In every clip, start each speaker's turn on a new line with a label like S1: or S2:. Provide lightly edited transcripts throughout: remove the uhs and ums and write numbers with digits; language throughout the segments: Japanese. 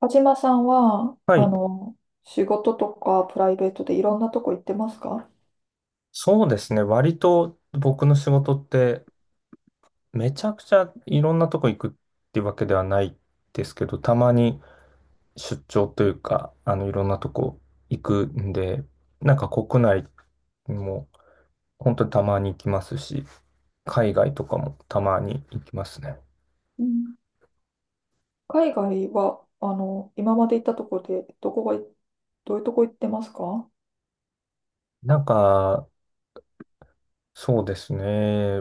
S1: 田島さんは、
S2: はい。
S1: 仕事とかプライベートでいろんなとこ行ってますか？
S2: そうですね。割と僕の仕事ってめちゃくちゃいろんなとこ行くってわけではないですけど、たまに出張というか、いろんなとこ行くんで、なんか国内も本当にたまに行きますし、海外とかもたまに行きますね。
S1: うん、海外は、今まで行ったとこで、どういうとこ行ってますか？
S2: なんか、そうですね。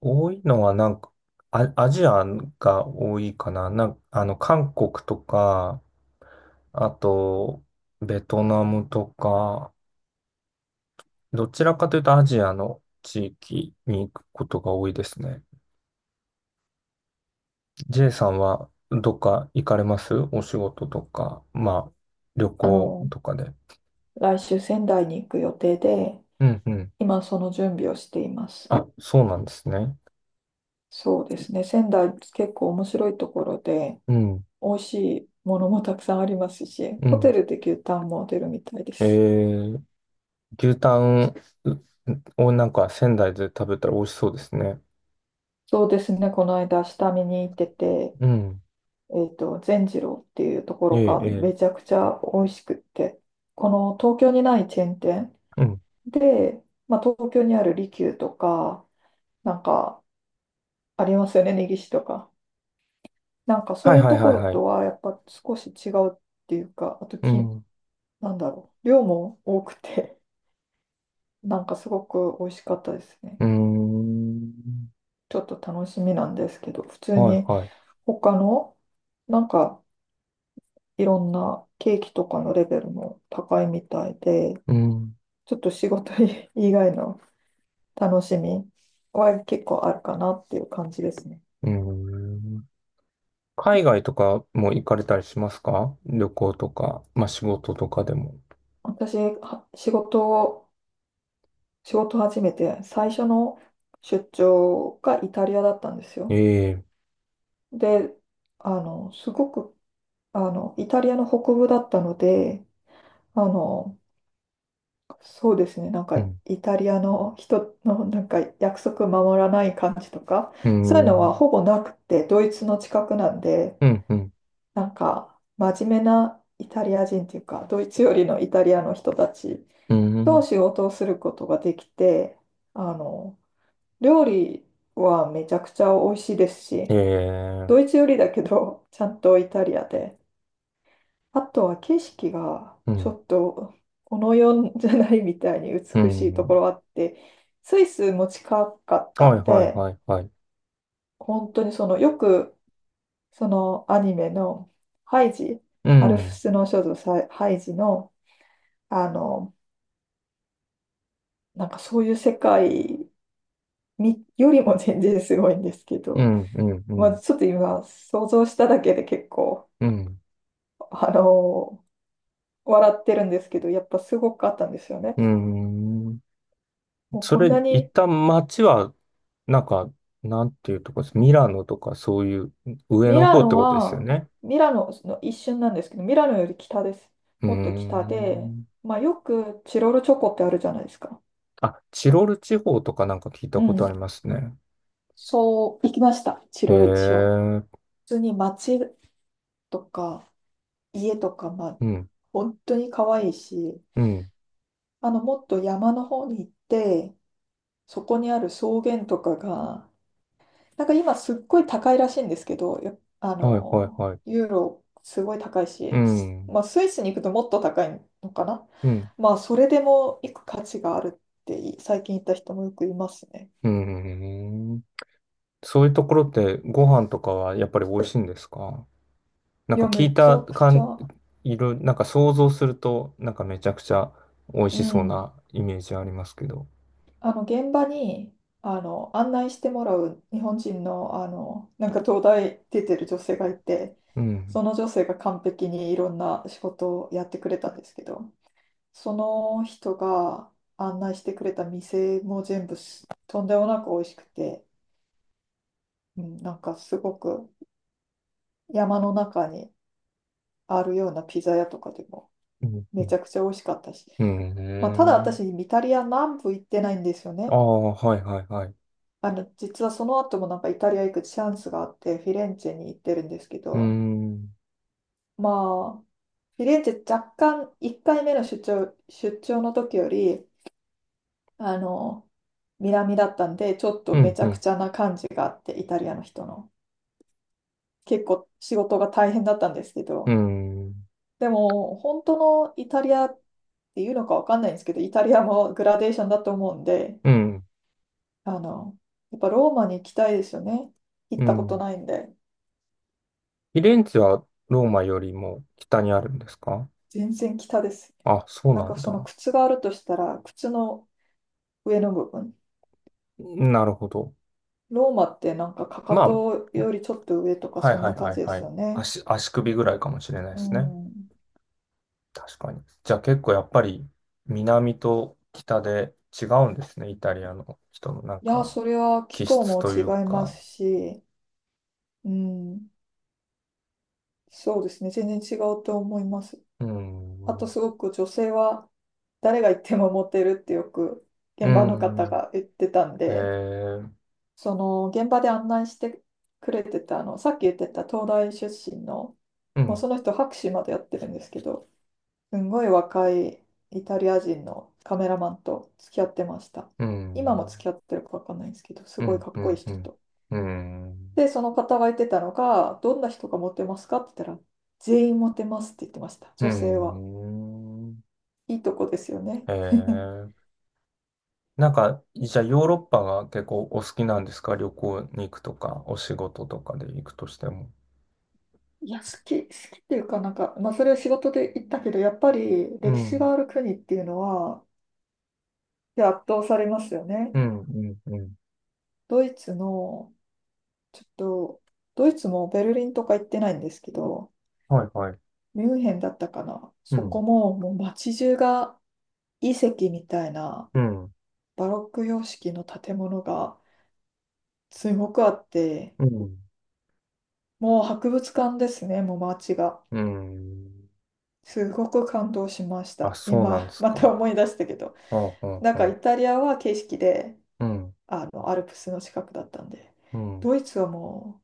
S2: 多いのはなんか、アジアが多いかな。韓国とか、あと、ベトナムとか、どちらかというとアジアの地域に行くことが多いですね。J さんはどっか行かれますお仕事とか、まあ、旅
S1: あ
S2: 行
S1: の、
S2: とかで。
S1: 来週仙台に行く予定で、
S2: うんうん。
S1: 今その準備をしています。
S2: あ、そうなんですね。
S1: そうですね。仙台結構面白いところで、
S2: うん、
S1: 美味しいものもたくさんありますし、
S2: う
S1: ホ
S2: ん。
S1: テルで牛タンも出るみたいで
S2: え
S1: す。
S2: ー、牛タンをなんか仙台で食べたら美味しそうですね。
S1: そうですね。この間下見に行ってて、
S2: うん。
S1: 善次郎っていうとこ
S2: え
S1: ろ
S2: え、
S1: が
S2: え
S1: めちゃくちゃ美味しくって、この東京にないチェーン店
S2: え。うん。
S1: で、まあ、東京にある利休とか、なんかありますよね、根岸とか。なんか
S2: は
S1: そう
S2: い
S1: いう
S2: はい
S1: と
S2: は
S1: こ
S2: い
S1: ろ
S2: はい。
S1: とはやっぱ少し違うっていうか、あと
S2: う
S1: き、
S2: ん。
S1: なんだろう、量も多くて、なんかすごく美味しかったですね。
S2: うーん。
S1: ちょっと楽しみなんですけど、普通
S2: はい
S1: に
S2: はい。
S1: 他の、なんかいろんなケーキとかのレベルも高いみたいで、
S2: うん。
S1: ちょっと仕事以外の楽しみは結構あるかなっていう感じですね。
S2: うん。海外とかも行かれたりしますか？旅行とか、まあ仕事とかでも。
S1: 私、は仕事を始めて最初の出張がイタリアだったんですよ。
S2: ええ、
S1: で、あの、すごく、イタリアの北部だったので、あの、そうですね、なん
S2: う
S1: か
S2: ん。
S1: イタリアの人の なんか約束守らない感じとか、
S2: う
S1: そういうのは
S2: ん。
S1: ほぼなくて、ドイツの近くなんで、
S2: うん。うん。
S1: なんか、真面目なイタリア人というか、ドイツよりのイタリアの人たち
S2: う
S1: と
S2: ん、
S1: 仕事をすることができて、あの、料理はめちゃくちゃ美味しいですし、
S2: え
S1: ド
S2: え、
S1: イツよりだけど、ちゃんとイタリアで。あとは景色が
S2: う
S1: ちょ
S2: ん。
S1: っと、この世じゃないみたいに
S2: う
S1: 美しいとこ
S2: ん。
S1: ろあって、スイスも近かった
S2: はい
S1: ん
S2: はい
S1: で、
S2: はいはい。
S1: 本当にその、よく、そのアニメのハイジ、
S2: う
S1: アルプ
S2: ん。
S1: スの少女ハイジのあの、なんかそういう世界によりも全然すごいんですけ
S2: う
S1: ど、
S2: ん。うん。う
S1: まあ、
S2: ん。
S1: ちょっと今想像しただけで結構、
S2: うん。
S1: あの、笑ってるんですけど、やっぱすごくあったんですよね。
S2: うん。
S1: もう
S2: そ
S1: こん
S2: れ、
S1: な
S2: 一
S1: に、
S2: 旦街は、なんか、なんていうとこです？ミラノとかそういう上
S1: ミ
S2: の
S1: ラ
S2: 方って
S1: ノ
S2: ことですよ
S1: は、
S2: ね。
S1: ミラノの一瞬なんですけど、ミラノより北です。
S2: うー
S1: もっと北で、
S2: ん。
S1: まあ、よくチロルチョコってあるじゃないですか。
S2: あ、チロル地方とかなんか聞いた
S1: う
S2: ことあ
S1: ん。
S2: りますね。
S1: そう、行きました、チ
S2: へ
S1: ロルチを。
S2: え、
S1: 普通に街とか家とか、まあ、
S2: うん、
S1: 本当に可愛いし、
S2: うん、
S1: もっと山の方に行って、そこにある草原とかが、なんか今すっごい高いらしいんですけど、やあ
S2: はいはい
S1: の、
S2: はい。
S1: ユーロすごい高い
S2: う
S1: し、す
S2: ん、
S1: まあスイスに行くともっと高いのかな。
S2: うん、
S1: まあそれでも行く価値があるってい最近行った人もよくいますね。
S2: うん。そういうところってご飯とかはやっぱり美味しいんですか？な
S1: い
S2: んか
S1: や、
S2: 聞
S1: め
S2: い
S1: ち
S2: た
S1: ゃくち
S2: 感、
S1: ゃ、
S2: いろ、なんか想像すると、なんかめちゃくちゃ美味
S1: う
S2: しそう
S1: ん、
S2: なイメージありますけど。
S1: あの現場にあの案内してもらう日本人の、あのなんか東大出てる女性がいて、
S2: うん、
S1: その女性が完璧にいろんな仕事をやってくれたんですけど、その人が案内してくれた店も全部すとんでもなく美味しくて、うん、なんかすごく山の中にあるようなピザ屋とかでも
S2: うん、う
S1: めち
S2: ん。
S1: ゃくちゃ美味しかったし、
S2: う
S1: まあ、ただ
S2: ん、
S1: 私イタリア南部行ってないんですよ
S2: あ
S1: ね。
S2: あ、はいはいはい。
S1: 実はその後もなんかイタリア行くチャンスがあって、フィレンツェに行ってるんですけ
S2: う
S1: ど、
S2: ん、
S1: まあ、フィレンツェ若干1回目の出張の時より、あの、南だったんで、ちょっと
S2: う
S1: め
S2: ん、
S1: ち
S2: う
S1: ゃく
S2: ん、
S1: ちゃな感じがあって、イタリアの人の。結構仕事が大変だったんですけ
S2: う
S1: ど、
S2: ん、
S1: でも、本当のイタリアっていうのかわかんないんですけど、イタリアもグラデーションだと思うんで、
S2: うん、
S1: あの、やっぱローマに行きたいですよね。行
S2: う
S1: ったこと
S2: ん。
S1: ないんで、
S2: フィレンツェはローマよりも北にあるんですか？
S1: 全然北です。
S2: あ、そう
S1: なん
S2: な
S1: か
S2: ん
S1: その
S2: だ。
S1: 靴があるとしたら、靴の上の部分。
S2: なるほど。
S1: ローマってなんかかか
S2: まあ、
S1: とよりちょっと上とか
S2: はい
S1: そん
S2: はい
S1: な感
S2: はい
S1: じで
S2: は
S1: す
S2: い。
S1: よね。
S2: 足、足首ぐらいかもしれないで
S1: う
S2: すね。
S1: ん。
S2: 確かに。じゃあ結構やっぱり南と北で違うんですね、イタリアの人のなん
S1: いや、
S2: か
S1: それは気
S2: 気
S1: 候
S2: 質
S1: も
S2: と
S1: 違
S2: い
S1: い
S2: う
S1: ま
S2: か。
S1: すし、うん。そうですね。全然違うと思います。
S2: うー
S1: あ
S2: ん。
S1: と
S2: う
S1: すごく女性は誰が行ってもモテるってよく
S2: ー
S1: 現場の方
S2: ん。
S1: が言ってたん
S2: へ
S1: で、
S2: え。
S1: その現場で案内してくれてたさっき言ってた東大出身の、
S2: う
S1: もう
S2: ん。
S1: その人博士までやってるんですけど、すんごい若いイタリア人のカメラマンと付き合ってました。
S2: う
S1: 今も
S2: ん。
S1: 付き合ってるかわかんないんですけど、す
S2: う
S1: ごい
S2: ん。
S1: かっ
S2: う
S1: こいい
S2: ん。う
S1: 人
S2: ん。
S1: と。
S2: うん。
S1: で、その方が言ってたのが、どんな人がモテますかって言ったら、全員モテますって言ってました、
S2: う
S1: 女性は。
S2: ん。
S1: いいとこですよね。
S2: へ え。なんか、じゃあヨーロッパが結構お好きなんですか？旅行に行くとか、お仕事とかで行くとしても。
S1: いや、好きっていうかなんか、まあ、それは仕事で言ったけど、やっぱり
S2: う
S1: 歴史
S2: ん。
S1: がある国っていうのは、いや圧倒されますよね。
S2: うん、うん、うん。
S1: ドイツの、ちょっと、ドイツもベルリンとか行ってないんですけど、
S2: はい、はい。
S1: ミュンヘンだったかな。
S2: う
S1: そこ
S2: ん、
S1: も、もう街中が遺跡みたいな
S2: うん、
S1: バロック様式の建物がすごくあって、
S2: うん、
S1: もう博物館ですね、もう街が。
S2: うん。
S1: すごく感動しまし
S2: あ、
S1: た。
S2: そうなんで
S1: 今、
S2: す
S1: また
S2: か。
S1: 思い出したけど。
S2: うん、
S1: なん
S2: う
S1: か
S2: ん、
S1: イタリアは景色で、
S2: うん、
S1: アルプスの近くだったんで、
S2: うん、
S1: ドイツはも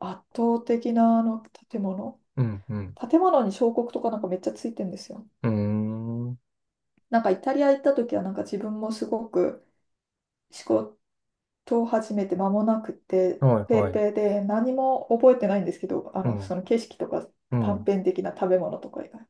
S1: う圧倒的なあの建物。
S2: うん、うん、
S1: 建物に彫刻とかなんかめっちゃついてんですよ。
S2: うん。うーん。
S1: なんかイタリア行った時はなんか自分もすごく思考と始めて間もなくて、
S2: はい、
S1: ペ
S2: は
S1: ー
S2: い。
S1: ペーで何も覚えてないんですけど、
S2: うん、
S1: その景色とか
S2: う
S1: 短
S2: ん、
S1: 編的な食べ物とか以外。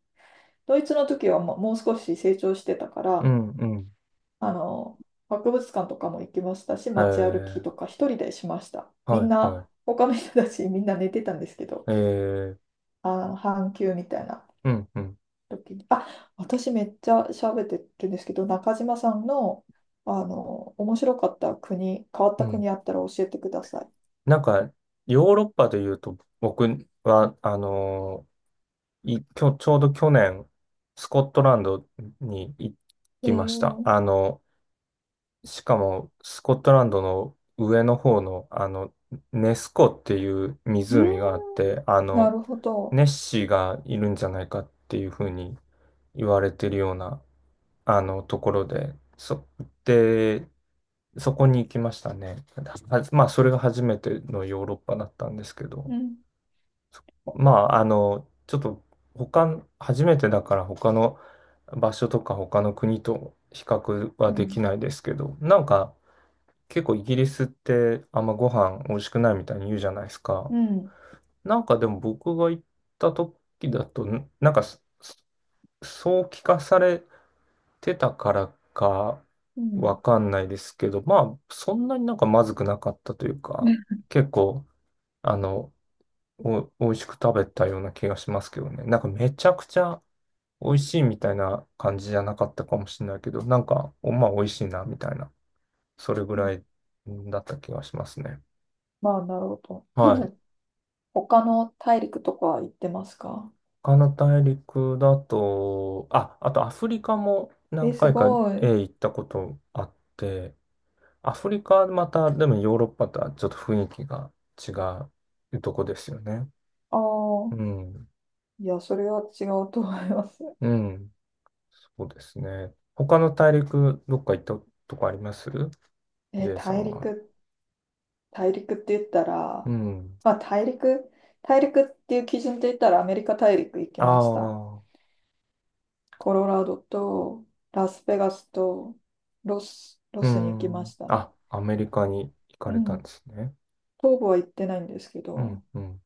S1: ドイツの時はもう少し成長してたか
S2: う
S1: ら、
S2: ん、うん。
S1: あの、博物館とかも行きましたし、
S2: え
S1: 街歩き
S2: ー、
S1: とか一人でしました。み
S2: は
S1: ん
S2: い、はい。
S1: な、他の人たちみんな寝てたんですけど、
S2: えー、
S1: 半休みたいな
S2: うん、うん、
S1: 時に、あ、私めっちゃ喋ってるんですけど、中島さんの、面白かった国、変わっ
S2: う
S1: た
S2: ん。
S1: 国あったら教えてください。
S2: なんか、ヨーロッパで言うと、僕は、あのーい、きょ、ちょうど去年、スコットランドに行
S1: え
S2: きました。
S1: ー
S2: あの、しかも、スコットランドの上の方の、あの、ネス湖っていう
S1: うーん、
S2: 湖があって、あ
S1: な
S2: の、
S1: るほど。
S2: ネッシーがいるんじゃないかっていうふうに言われてるような、あの、ところで、そこに行きましたね。はまあ、それが初めてのヨーロッパだったんですけど。
S1: うん、
S2: まあ、あの、ちょっと他初めてだから他の場所とか他の国と比較は
S1: う
S2: でき
S1: ん、
S2: ないですけど、なんか結構イギリスってあんまご飯美味しくないみたいに言うじゃないですか。
S1: うん、
S2: なんかでも僕が行った時だと、なんかそそう聞かされてたからか
S1: うん。
S2: わかんないですけど、まあそんなになんかまずくなかったというか、結構あの、美味しく食べたような気がしますけどね。なんかめちゃくちゃ美味しいみたいな感じじゃなかったかもしれないけど、なんか、お、まあ美味しいなみたいな、それぐらいだった気がしますね。
S1: まあ、なるほど。
S2: はい。
S1: 他の大陸とか行ってますか？
S2: 他の大陸だと、あ、あとアフリカも
S1: え、
S2: 何
S1: す
S2: 回か
S1: ごい。
S2: 行ったことあって、アフリカはまた、でもヨーロッパとはちょっと雰囲気が違うとこですよね。
S1: ああ、
S2: うん。
S1: いや、それは違うと思います。
S2: うん。そうですね。他の大陸、どっか行ったとこあります？
S1: え、
S2: J さ
S1: 大
S2: んは。
S1: 陸、大陸って言った
S2: う
S1: ら、
S2: ん。
S1: まあ、大陸っていう基準で言ったらアメリカ大陸行きました。
S2: ああ、
S1: コロラドとラスベガスとロス、ロ
S2: う
S1: スに行きま
S2: ん。
S1: したね。
S2: あ、アメリカに行か
S1: う
S2: れたん
S1: ん。
S2: ですね。
S1: 東部は行ってないんですけ
S2: うん、
S1: ど、
S2: うん。